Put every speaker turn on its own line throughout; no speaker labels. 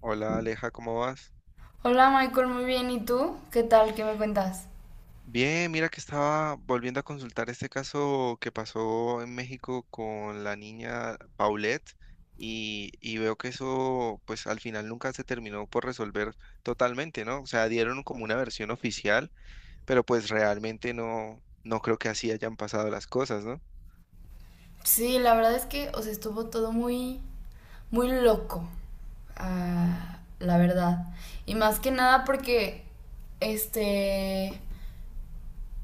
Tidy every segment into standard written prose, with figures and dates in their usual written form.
Hola Aleja, ¿cómo vas?
Hola Michael, muy bien. ¿Y tú? ¿Qué tal? ¿Qué me cuentas?
Bien, mira que estaba volviendo a consultar este caso que pasó en México con la niña Paulette y veo que eso pues al final nunca se terminó por resolver totalmente, ¿no? O sea, dieron como una versión oficial, pero pues realmente no, no creo que así hayan pasado las cosas, ¿no?
Sí, la verdad es que, o sea, estuvo todo muy, muy loco, la verdad. Y más que nada porque, este,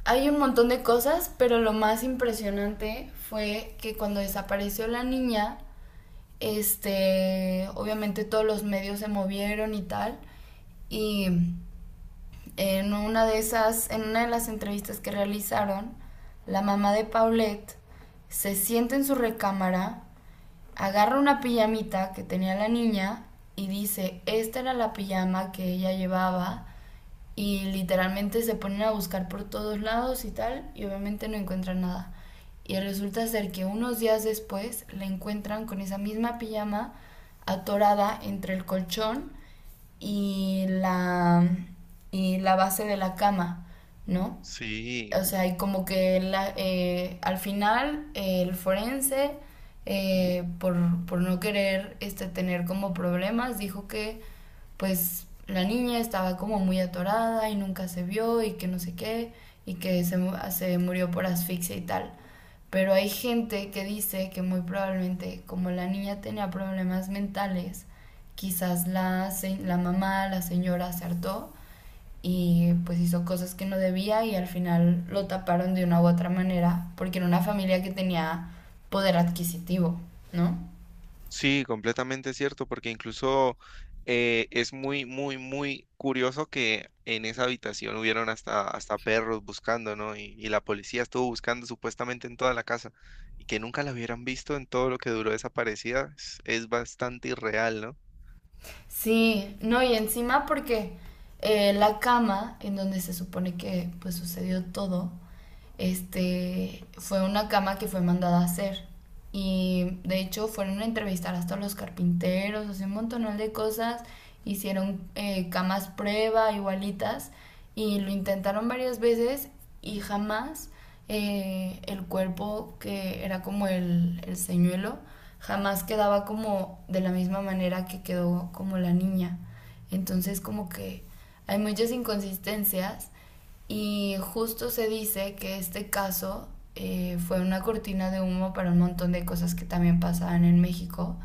hay un montón de cosas, pero lo más impresionante fue que cuando desapareció la niña, obviamente todos los medios se movieron y tal, y en una de esas, en una de las entrevistas que realizaron, la mamá de Paulette se sienta en su recámara, agarra una pijamita que tenía la niña y dice, esta era la pijama que ella llevaba y literalmente se ponen a buscar por todos lados y tal y obviamente no encuentran nada. Y resulta ser que unos días después la encuentran con esa misma pijama atorada entre el colchón y la, y la base de la cama, ¿no?
Sí.
O sea, y como que al final el forense, eh, por, por no querer tener como problemas, dijo que pues la niña estaba como muy atorada y nunca se vio y que no sé qué, y que se murió por asfixia y tal. Pero hay gente que dice que muy probablemente, como la niña tenía problemas mentales, quizás la mamá, la señora, se hartó y pues hizo cosas que no debía y al final lo taparon de una u otra manera porque era una familia que tenía poder adquisitivo, ¿no?
Sí, completamente cierto, porque incluso es muy, muy, muy curioso que en esa habitación hubieron hasta perros buscando, ¿no? Y la policía estuvo buscando supuestamente en toda la casa y que nunca la hubieran visto en todo lo que duró desaparecida es bastante irreal, ¿no?
Sí, no, y encima porque la cama en donde se supone que pues sucedió todo fue una cama que fue mandada a hacer. Y de hecho fueron a entrevistar hasta los carpinteros, así un montón de cosas. Hicieron camas prueba, igualitas, y lo intentaron varias veces y jamás el cuerpo que era como el señuelo, jamás quedaba como de la misma manera que quedó como la niña. Entonces como que hay muchas inconsistencias y justo se dice que este caso fue una cortina de humo para un montón de cosas que también pasaban en México.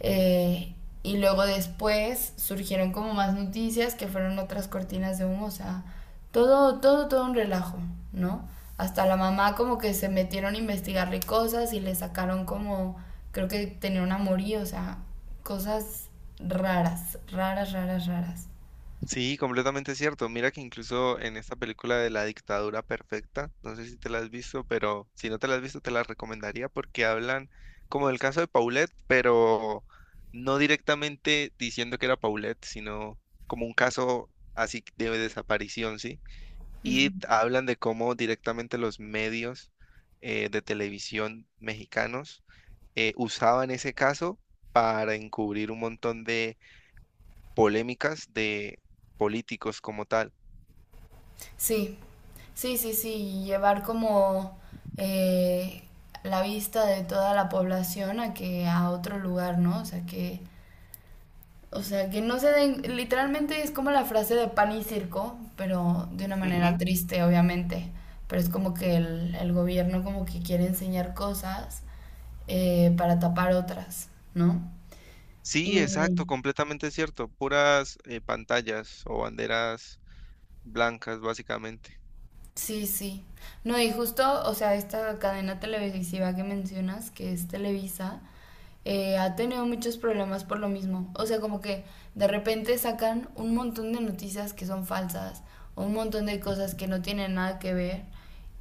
Eh, y luego después surgieron como más noticias que fueron otras cortinas de humo, o sea, todo, todo, todo un relajo, ¿no? Hasta la mamá como que se metieron a investigarle cosas y le sacaron como, creo que tenía un amorío, o sea, cosas raras, raras, raras, raras.
Sí, completamente cierto. Mira que incluso en esta película de La Dictadura Perfecta, no sé si te la has visto, pero si no te la has visto, te la recomendaría porque hablan como del caso de Paulette, pero no directamente diciendo que era Paulette, sino como un caso así de desaparición, ¿sí? Y hablan de cómo directamente los medios de televisión mexicanos usaban ese caso para encubrir un montón de polémicas de políticos como tal.
Sí, sí, sí, sí, y llevar como eh, la vista de toda la población a que a otro lugar, ¿no? O sea que no se den, literalmente es como la frase de pan y circo, pero de una manera
Ujú.
triste, obviamente. Pero es como que el gobierno como que quiere enseñar cosas para tapar otras, ¿no?
Sí, exacto,
Y
completamente cierto. Puras pantallas o banderas blancas, básicamente.
sí, sí. No, y justo, o sea, esta cadena televisiva que mencionas, que es Televisa, ha tenido muchos problemas por lo mismo. O sea, como que de repente sacan un montón de noticias que son falsas, un montón de cosas que no tienen nada que ver.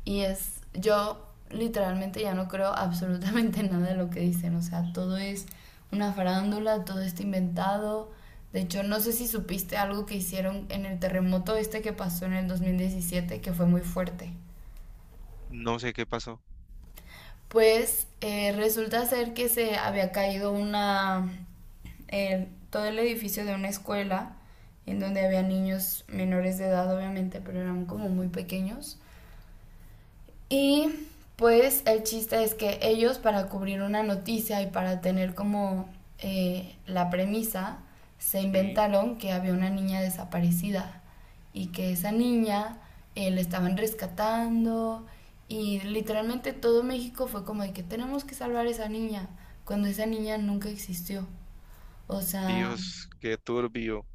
Y es, yo literalmente ya no creo absolutamente nada de lo que dicen. O sea, todo es una farándula, todo está inventado. De hecho, no sé si supiste algo que hicieron en el terremoto este que pasó en el 2017, que fue muy fuerte.
No sé qué pasó.
Pues resulta ser que se había caído una todo el edificio de una escuela en donde había niños menores de edad, obviamente, pero eran como muy pequeños. Y pues el chiste es que ellos para cubrir una noticia y para tener como la premisa, se
Sí.
inventaron que había una niña desaparecida y que esa niña la estaban rescatando y literalmente todo México fue como de que tenemos que salvar a esa niña cuando esa niña nunca existió. O sea,
Dios, qué turbio.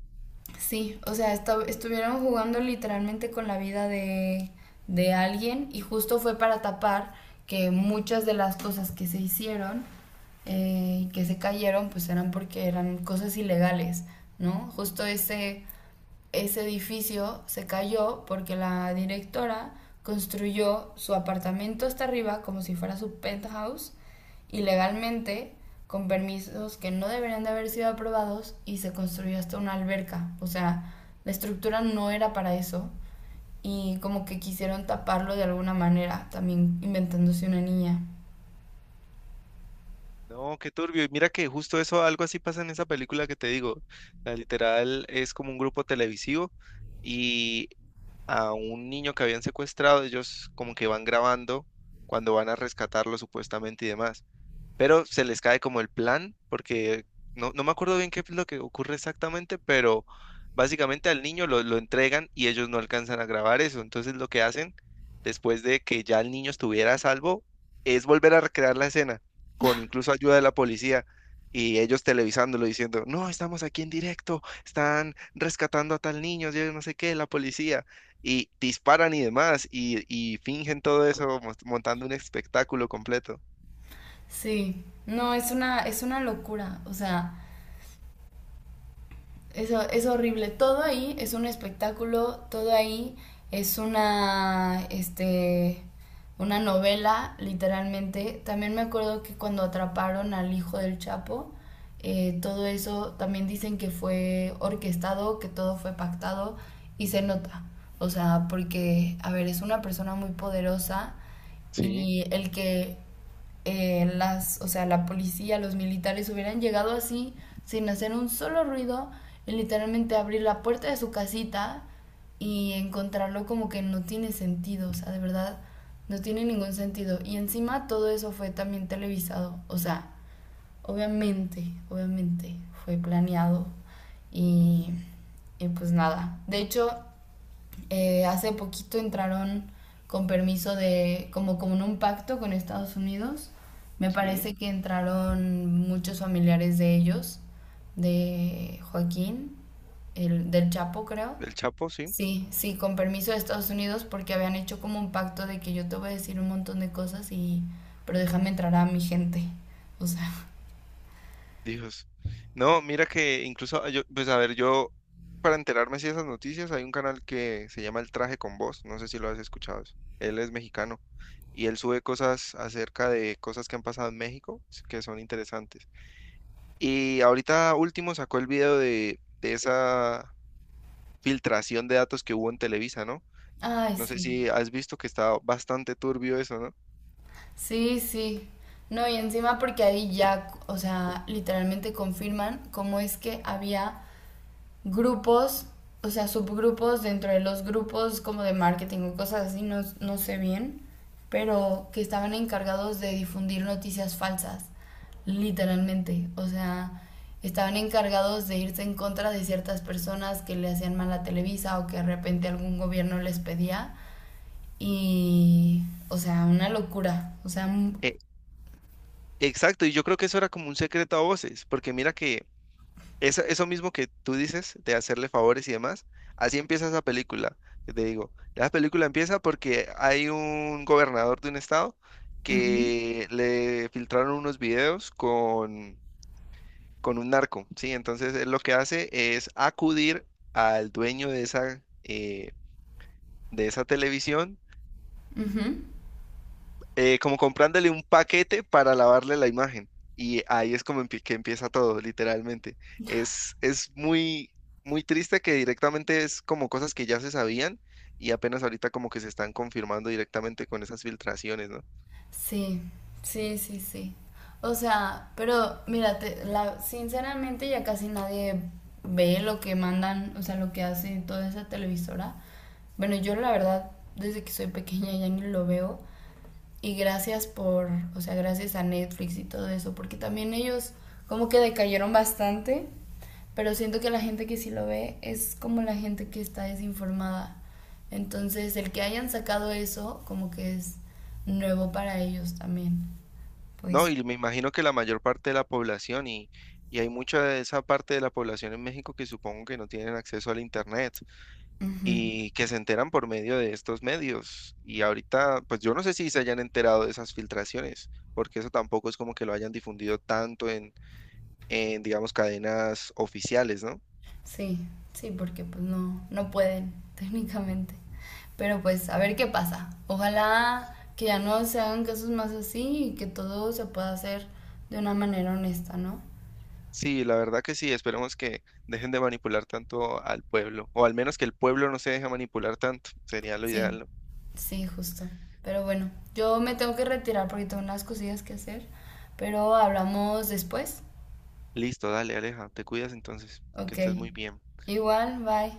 sí, o sea, estuvieron jugando literalmente con la vida de alguien y justo fue para tapar que muchas de las cosas que se hicieron y que se cayeron pues eran porque eran cosas ilegales, ¿no? Justo ese, ese edificio se cayó porque la directora construyó su apartamento hasta arriba como si fuera su penthouse ilegalmente con permisos que no deberían de haber sido aprobados y se construyó hasta una alberca. O sea, la estructura no era para eso y como que quisieron taparlo de alguna manera, también inventándose una niña.
No, qué turbio. Y mira que justo eso, algo así pasa en esa película que te digo. La literal es como un grupo televisivo y a un niño que habían secuestrado, ellos como que van grabando cuando van a rescatarlo supuestamente y demás. Pero se les cae como el plan, porque no, no me acuerdo bien qué es lo que ocurre exactamente, pero básicamente al niño lo entregan y ellos no alcanzan a grabar eso. Entonces lo que hacen después de que ya el niño estuviera a salvo es volver a recrear la escena, con incluso ayuda de la policía. Y ellos televisándolo diciendo, no, estamos aquí en directo, están rescatando a tal niño, yo no sé qué, la policía. Y disparan y demás, y fingen todo eso montando un espectáculo completo.
Sí, no, es una locura. O sea, eso es horrible. Todo ahí es un espectáculo, todo ahí es una, una novela, literalmente. También me acuerdo que cuando atraparon al hijo del Chapo, todo eso también dicen que fue orquestado, que todo fue pactado y se nota. O sea, porque, a ver, es una persona muy poderosa
Sí,
y el que o sea, la policía, los militares hubieran llegado así, sin hacer un solo ruido, y literalmente abrir la puerta de su casita y encontrarlo como que no tiene sentido, o sea, de verdad, no tiene ningún sentido. Y encima todo eso fue también televisado, o sea, obviamente, obviamente, fue planeado y, y pues nada. De hecho, hace poquito entraron con permiso de, como, como en un pacto con Estados Unidos. Me
sí.
parece que entraron muchos familiares de ellos, de Joaquín, del Chapo, creo.
El Chapo, sí.
Sí, sí, con permiso de Estados Unidos porque habían hecho como un pacto de que yo te voy a decir un montón de cosas y, pero déjame entrar a mi gente. O sea,
Dios. No, mira que incluso yo, pues a ver, yo para enterarme si esas noticias hay un canal que se llama El Traje con Voz, no sé si lo has escuchado. Él es mexicano y él sube cosas acerca de cosas que han pasado en México que son interesantes. Y ahorita último sacó el video de esa filtración de datos que hubo en Televisa, ¿no?
ay,
No sé
sí.
si has visto que está bastante turbio eso, ¿no?
Sí, sí. No, y encima porque ahí ya, o sea, literalmente confirman cómo es que había grupos, o sea, subgrupos dentro de los grupos como de marketing o cosas así, no, no sé bien, pero que estaban encargados de difundir noticias falsas, literalmente. O sea, estaban encargados de irse en contra de ciertas personas que le hacían mal a Televisa o que de repente algún gobierno les pedía. Y, o sea, una locura. O sea, un-
Eh, exacto, y yo creo que eso era como un secreto a voces, porque mira que eso mismo que tú dices de hacerle favores y demás, así empieza esa película. Que te digo, la película empieza porque hay un gobernador de un estado
ujú,
que le filtraron unos videos con un narco, ¿sí? Entonces él lo que hace es acudir al dueño de esa televisión
ujú.
como comprándole un paquete para lavarle la imagen. Y ahí es como que empieza todo, literalmente. Es muy, muy triste que directamente es como cosas que ya se sabían y apenas ahorita como que se están confirmando directamente con esas filtraciones, ¿no?
Sí, sí, sí, sí. O sea, pero mira, sinceramente ya casi nadie ve lo que mandan, o sea, lo que hace toda esa televisora. Bueno, yo la verdad, desde que soy pequeña ya ni lo veo, y gracias por, o sea, gracias a Netflix y todo eso, porque también ellos como que decayeron bastante, pero siento que la gente que sí lo ve es como la gente que está desinformada. Entonces, el que hayan sacado eso como que es nuevo para ellos también.
No,
Pues,
y me imagino que la mayor parte de la población y hay mucha de esa parte de la población en México que supongo que no tienen acceso al internet.
ujú.
Y que se enteran por medio de estos medios. Y ahorita, pues yo no sé si se hayan enterado de esas filtraciones, porque eso tampoco es como que lo hayan difundido tanto en digamos, cadenas oficiales, ¿no?
Sí, sí, porque pues no, no pueden técnicamente. Pero pues a ver qué pasa. Ojalá que ya no se hagan casos más así y que todo se pueda hacer de una manera honesta, ¿no?
Sí, la verdad que sí, esperemos que dejen de manipular tanto al pueblo, o al menos que el pueblo no se deje manipular tanto, sería lo
Sí,
ideal, ¿no?
sí, justo. Pero bueno, yo me tengo que retirar porque tengo unas cosillas que hacer, pero hablamos después.
Listo, dale, Aleja, te cuidas entonces, que
Ok,
estés muy bien.
igual, bye.